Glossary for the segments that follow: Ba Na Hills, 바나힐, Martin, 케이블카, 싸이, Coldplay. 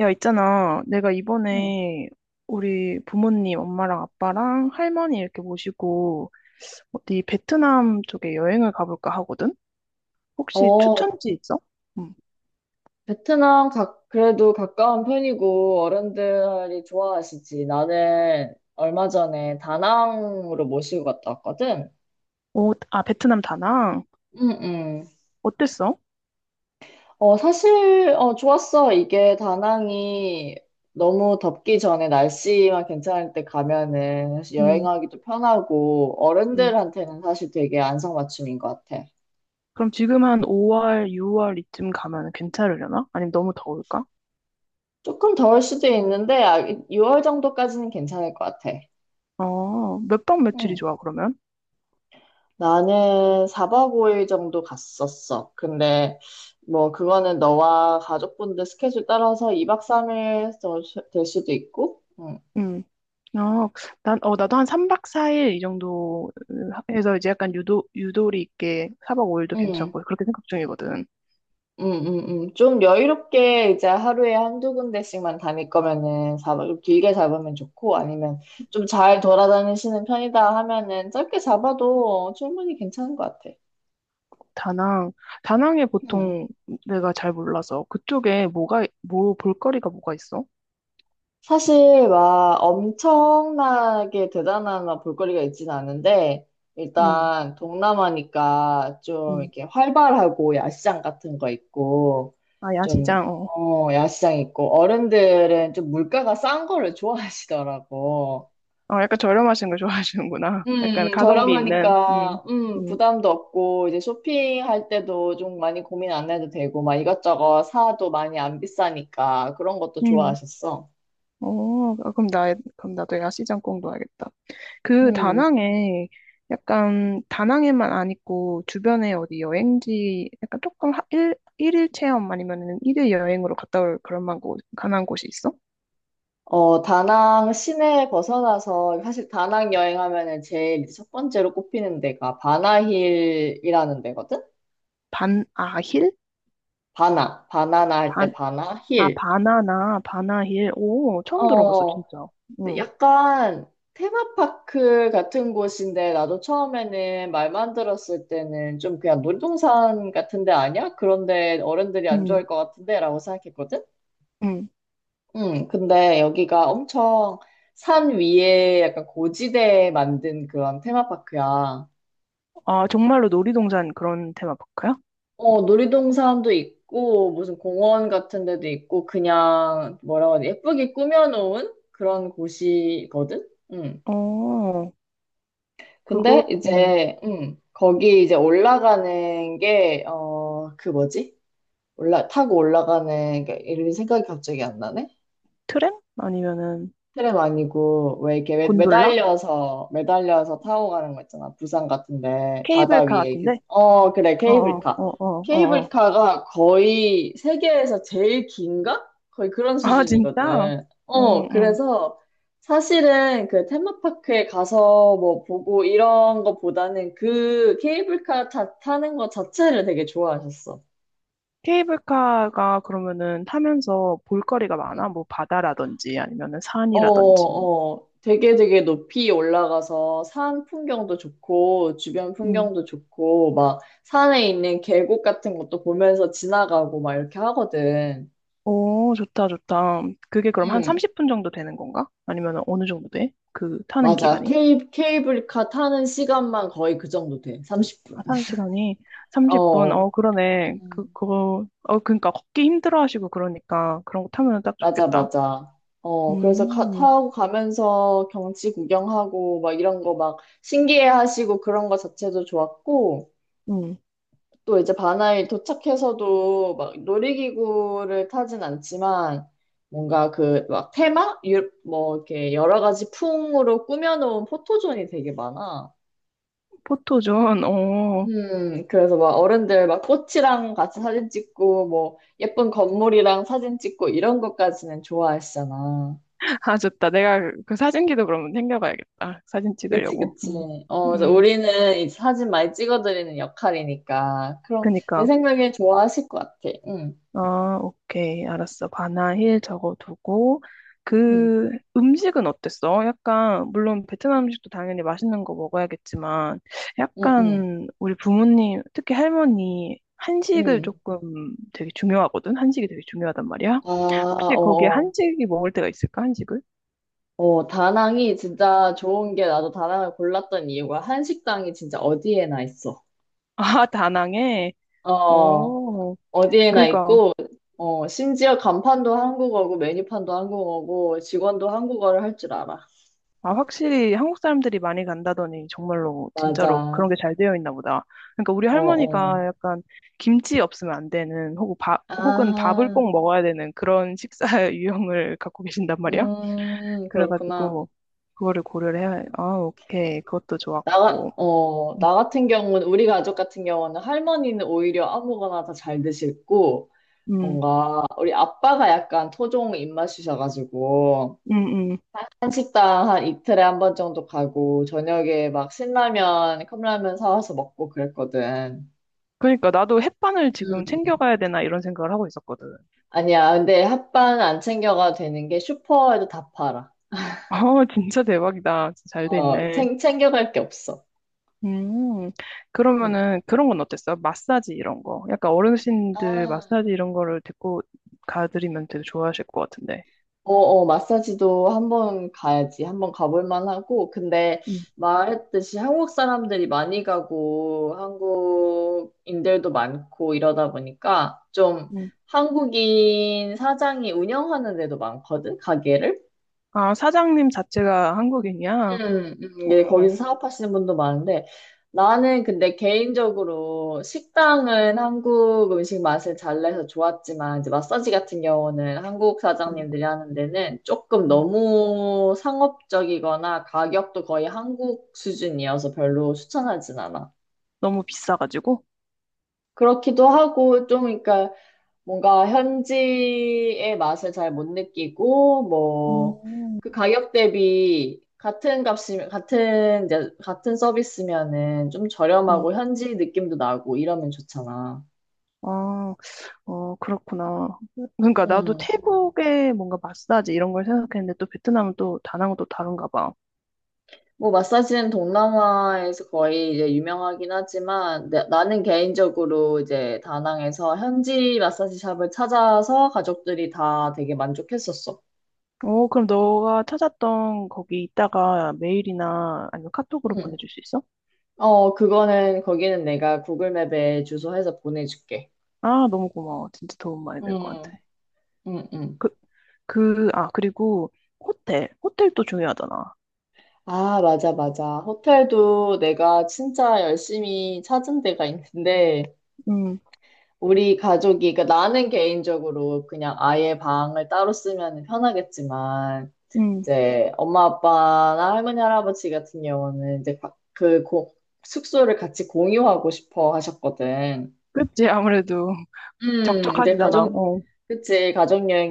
야, 있잖아. 내가 응. 이번에 우리 부모님, 엄마랑 아빠랑 할머니 이렇게 모시고 어디 베트남 쪽에 여행을 가볼까 하거든? 혹시 어, 추천지 있어? 응. 그래도 가까운 편이고 어른들이 좋아하시지. 나는 얼마 전에 다낭으로 모시고 갔다 왔거든. 오, 아, 베트남 다낭. 응, 응. 어땠어? 사실, 좋았어. 이게 다낭이 너무 덥기 전에 날씨만 괜찮을 때 가면은 사실 응, 여행하기도 편하고 응. 어른들한테는 사실 되게 안성맞춤인 것 같아. 그럼 지금 한 5월, 6월 이쯤 가면 괜찮으려나? 아니면 너무 더울까? 조금 더울 수도 있는데 6월 정도까지는 괜찮을 것 같아. 몇 박 며칠이 좋아, 그러면? 나는 4박 5일 정도 갔었어. 근데 뭐 그거는 너와 가족분들 스케줄 따라서 2박 3일 될 수도 있고. 응. 응. 어, 나도 한 3박 4일 이 정도 해서 이제 약간 유도리 있게 4박 5일도 응. 괜찮고 그렇게 생각 중이거든. 응, 응, 응. 좀 여유롭게 이제 하루에 한두 군데씩만 다닐 거면은 4박 좀 길게 잡으면 좋고 아니면 좀 잘 돌아다니시는 편이다 하면은 짧게 잡아도 충분히 괜찮은 것 같아. 다낭, 다낭에 응. 보통 내가 잘 몰라서 그쪽에 뭐 볼거리가 뭐가 있어? 사실 막 엄청나게 대단한 막 볼거리가 있진 않은데 음, 일단 동남아니까 좀 음. 이렇게 활발하고 야시장 같은 거 있고 아, 좀 야시장, 어. 야시장 있고 어른들은 좀 물가가 싼 거를 좋아하시더라고. 어, 약간 저렴하신 걸 좋아하시는구나. 약간 가성비 있는, 저렴하니까 음, 부담도 없고 이제 쇼핑할 때도 좀 많이 고민 안 해도 되고 막 이것저것 사도 많이 안 비싸니까 그런 것도 음. 좋아하셨어. 아, 그럼 나도 야시장 꼭 넣어야겠다. 그 다낭에 약간 다낭에만 안 있고 주변에 어디 여행지 약간 조금 일일 체험 아니면은 일일 여행으로 갔다 올 그런 가난 곳이 있어? 다낭 시내 벗어나서, 사실 다낭 여행하면은 제일 이제 첫 번째로 꼽히는 데가 바나힐이라는 데거든? 반아힐? 바나나 할 때 반, 바나, 아, 힐. 바나나, 바나힐. 오, 처음 들어봤어, 어, 진짜. 근데 응, 약간 테마파크 같은 곳인데, 나도 처음에는 말만 들었을 때는 좀 그냥 놀이동산 같은 데 아니야? 그런데 어른들이 안 응, 좋아할 것 같은데? 라고 생각했거든? 응. 응, 근데 여기가 엄청 산 위에 약간 고지대에 만든 그런 테마파크야. 아, 정말로 놀이동산 그런 테마파크야? 놀이동산도 있고, 무슨 공원 같은 데도 있고, 그냥, 뭐라고 하지, 예쁘게 꾸며놓은 그런 곳이거든? 음. 어, 그거, 근데 이제, 거기 이제 올라가는 게, 그 뭐지? 타고 올라가는, 게 이름이 생각이 갑자기 안 나네? 트램? 아니면은 트램 아니고 왜 이렇게 곤돌라? 매달려서 타고 가는 거 있잖아. 부산 같은데 바다 위에 케이블카 이렇게 같은데? 그래, 어, 어, 어, 케이블카 어, 어. 어. 케이블카가 거의 세계에서 제일 긴가? 거의 그런 아, 진짜? 수준이거든. 어, 응. 그래서 사실은 그 테마파크에 가서 뭐 보고 이런 거보다는 그 케이블카 타는 거 자체를 되게 좋아하셨어. 케이블카가 그러면은 타면서 볼거리가 응. 많아? 뭐 바다라든지 아니면은 산이라든지. 되게 되게 높이 올라가서 산 풍경도 좋고, 주변 음. 풍경도 좋고, 막 산에 있는 계곡 같은 것도 보면서 지나가고 막 이렇게 하거든. 오, 좋다, 좋다. 그게 그럼 한 응, 30분 정도 되는 건가? 아니면은 어느 정도 돼? 그 타는 맞아. 기간이? 케이블카 타는 시간만 거의 그 정도 돼. 30분. 아, 타는 시간이 30분. 어, 어, 그러네. 음. 그러니까 걷기 힘들어 하시고 그러니까 그런 거 타면은 딱 맞아, 좋겠다. 맞아. 그래서 음. 타고 가면서 경치 구경하고 막 이런 거 막 신기해 하시고 그런 거 자체도 좋았고, 음. 또 이제 바나에 도착해서도 막 놀이기구를 타진 않지만 뭔가 그 막 테마? 뭐 이렇게 여러 가지 풍으로 꾸며놓은 포토존이 되게 많아. 포토존, 어, 그래서 막 어른들 막 꽃이랑 같이 사진 찍고 뭐 예쁜 건물이랑 사진 찍고 이런 것까지는 좋아하시잖아. 아, 좋다. 내가 그 사진기도 그러면 챙겨가야겠다. 사진 그치, 찍으려고. 그치. 음. 그래서 음, 우리는 이 사진 많이 찍어드리는 역할이니까. 그럼 내 그니까. 생각에 좋아하실 것 같아. 응, 아, 오케이. 알았어. 바나힐 적어두고, 응, 그 음식은 어땠어? 약간, 물론 베트남 음식도 당연히 맛있는 거 먹어야겠지만, 응, 응, 약간 우리 부모님, 특히 할머니, 한식을 응. 조금 되게 중요하거든? 한식이 되게 중요하단 말이야? 아, 혹시 거기에 어어. 한식이 먹을 때가 있을까? 한식을? 다낭이 진짜 좋은 게 나도 다낭을 골랐던 이유가 한식당이 진짜 어디에나 있어. 아, 다낭에? 어, 오, 어디에나 그니까. 있고, 심지어 간판도 한국어고, 메뉴판도 한국어고, 직원도 한국어를 할 줄 알아. 아, 확실히 한국 사람들이 많이 간다더니 정말로 진짜로 그런 맞아. 게 잘 되어 있나 보다. 그러니까 우리 어어. 할머니가 약간 김치 없으면 안 되는 혹은 밥, 혹은 밥을 아, 꼭 먹어야 되는 그런 식사 유형을 갖고 계신단 말이야. 그렇구나. 그래가지고 그거를 고려를 해야, 아, 오케이. 그것도 나, 좋았고. 음, 나 같은 경우는, 우리 가족 같은 경우는 할머니는 오히려 아무거나 다 잘 드시고, 음, 뭔가 우리 아빠가 약간 토종 입맛이셔가지고 음. 한식당 한 이틀에 한 번 정도 가고 저녁에 막 신라면, 컵라면 사와서 먹고 그랬거든. 그러니까 나도 햇반을 지금 음. 챙겨가야 되나 이런 생각을 하고 있었거든. 아니야, 근데 핫바는 안 챙겨가도 되는 게 슈퍼에도 다 팔아. 아, 진짜 대박이다. 진짜 잘 돼 있네. 챙겨갈 게 없어. 음, 음. 그러면은 그런 건 어땠어요? 마사지 이런 거. 약간 어르신들 마사지 아. 이런 거를 데리고 가드리면 되게 좋아하실 것 같은데. 마사지도 한번 가야지. 한번 가볼 만하고. 근데 음, 말했듯이 한국 사람들이 많이 가고 한국인들도 많고 이러다 보니까 좀 음. 한국인 사장이 운영하는 데도 많거든, 가게를. 아, 사장님 자체가 한국인이야? 어, 예, 어. 거기서 사업하시는 분도 많은데 나는 근데 개인적으로 식당은 한국 음식 맛을 잘 내서 좋았지만 이제 마사지 같은 경우는 한국 음, 사장님들이 하는 데는 조금 음. 너무 상업적이거나 가격도 거의 한국 수준이어서 별로 추천하진 않아. 너무 비싸가지고? 그렇기도 하고 좀 그러니까 뭔가 현지의 맛을 잘 못 느끼고 뭐 음, 그 가격 대비 같은 값이 같은 이제 같은 서비스면은 좀 음. 저렴하고 현지 느낌도 나고 이러면 좋잖아. 아, 그렇구나. 그러니까 나도 음. 태국에 뭔가 마사지 이런 걸 생각했는데 또 베트남은 또 다낭은 또 다른가 봐. 뭐 마사지는 동남아에서 거의 이제 유명하긴 하지만 나는 개인적으로 이제 다낭에서 현지 마사지 샵을 찾아서 가족들이 다 되게 만족했었어. 어, 그럼 너가 찾았던 거기 있다가 메일이나 아니면 카톡으로 음. 보내줄 수 있어? 그거는 거기는 내가 구글 맵에 주소해서 보내줄게. 아, 너무 고마워. 진짜 도움 많이 될 것 음, 같아. 음, 음. 그, 아, 그리고 호텔. 호텔도 중요하잖아. 아, 맞아, 맞아. 호텔도 내가 진짜 열심히 찾은 데가 있는데, 음, 우리 가족이, 그러니까 나는 개인적으로 그냥 아예 방을 따로 쓰면 편하겠지만, 음. 이제 엄마, 아빠나 할머니, 할아버지 같은 경우는 이제 숙소를 같이 공유하고 싶어 하셨거든. 그치, 아무래도 음, 이제 적적하시잖아. 가족, 어. 그치,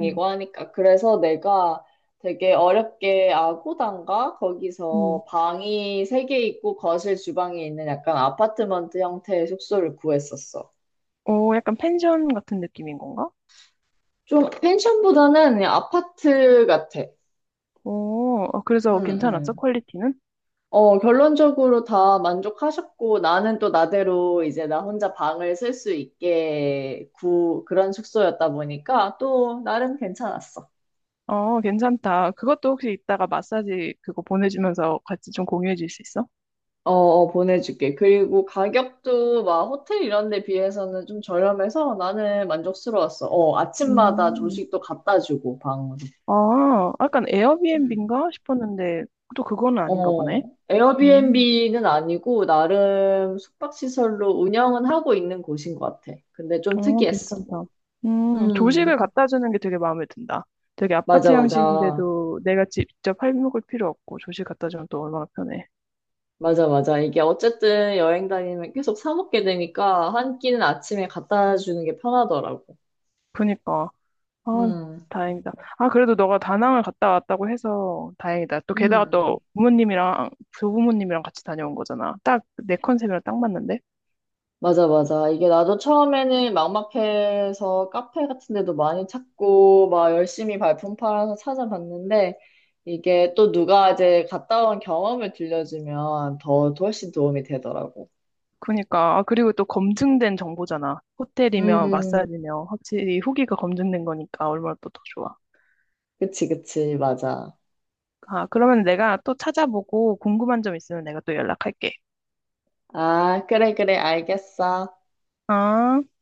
음, 하니까. 그래서 내가 되게 어렵게 아고단가? 음. 거기서 방이 3개 있고 거실 주방이 있는 약간 아파트먼트 형태의 숙소를 구했었어. 오, 약간 펜션 같은 느낌인 건가? 좀 펜션보다는 그냥 아파트 같아. 오, 응, 그래서 괜찮았어? 응. 퀄리티는? 결론적으로 다 만족하셨고, 나는 또 나대로 이제 나 혼자 방을 쓸 수 있게 그런 숙소였다 보니까 또 나름 괜찮았어. 어, 괜찮다. 그것도 혹시 이따가 마사지 그거 보내주면서 같이 좀 공유해 줄 수 있어? 보내줄게. 그리고 가격도 막 호텔 이런 데 비해서는 좀 저렴해서 나는 만족스러웠어. 아침마다 음. 조식도 갖다 주고, 방으로. 아, 약간 음. 에어비앤비인가 싶었는데 또 그거는 아닌가 보네. 음. 에어비앤비는 아니고, 나름 숙박시설로 운영은 하고 있는 곳인 것 같아. 근데 좀 어, 특이했어. 괜찮다. 음, 조식을 갖다 주는 게 되게 마음에 든다. 되게 맞아, 아파트 맞아. 형식인데도 내가 직접 해 먹을 필요 없고 조식 갖다 주면 또 얼마나 편해. 맞아, 맞아. 이게 어쨌든 여행 다니면 계속 사 먹게 되니까 한 끼는 아침에 갖다 주는 게 편하더라고. 그니까. 아, 음, 다행이다. 아, 그래도 너가 다낭을 갔다 왔다고 해서 다행이다. 또 게다가 음. 또 부모님이랑, 조부모님이랑 같이 다녀온 거잖아. 딱 내 컨셉이랑 딱 맞는데? 맞아, 맞아. 이게 나도 처음에는 막막해서 카페 같은 데도 많이 찾고, 막 열심히 발품 팔아서 찾아봤는데, 이게 또 누가 이제 갔다 온 경험을 들려주면 더 훨씬 도움이 되더라고. 그니까. 아, 그리고 또 검증된 정보잖아. 호텔이며 음, 마사지며 확실히 후기가 검증된 거니까 얼마나 또 더 좋아. 그치, 그치, 맞아. 아, 그러면 내가 또 찾아보고 궁금한 점 있으면 내가 또 연락할게. 아, 그래, 그래, 알겠어. 아.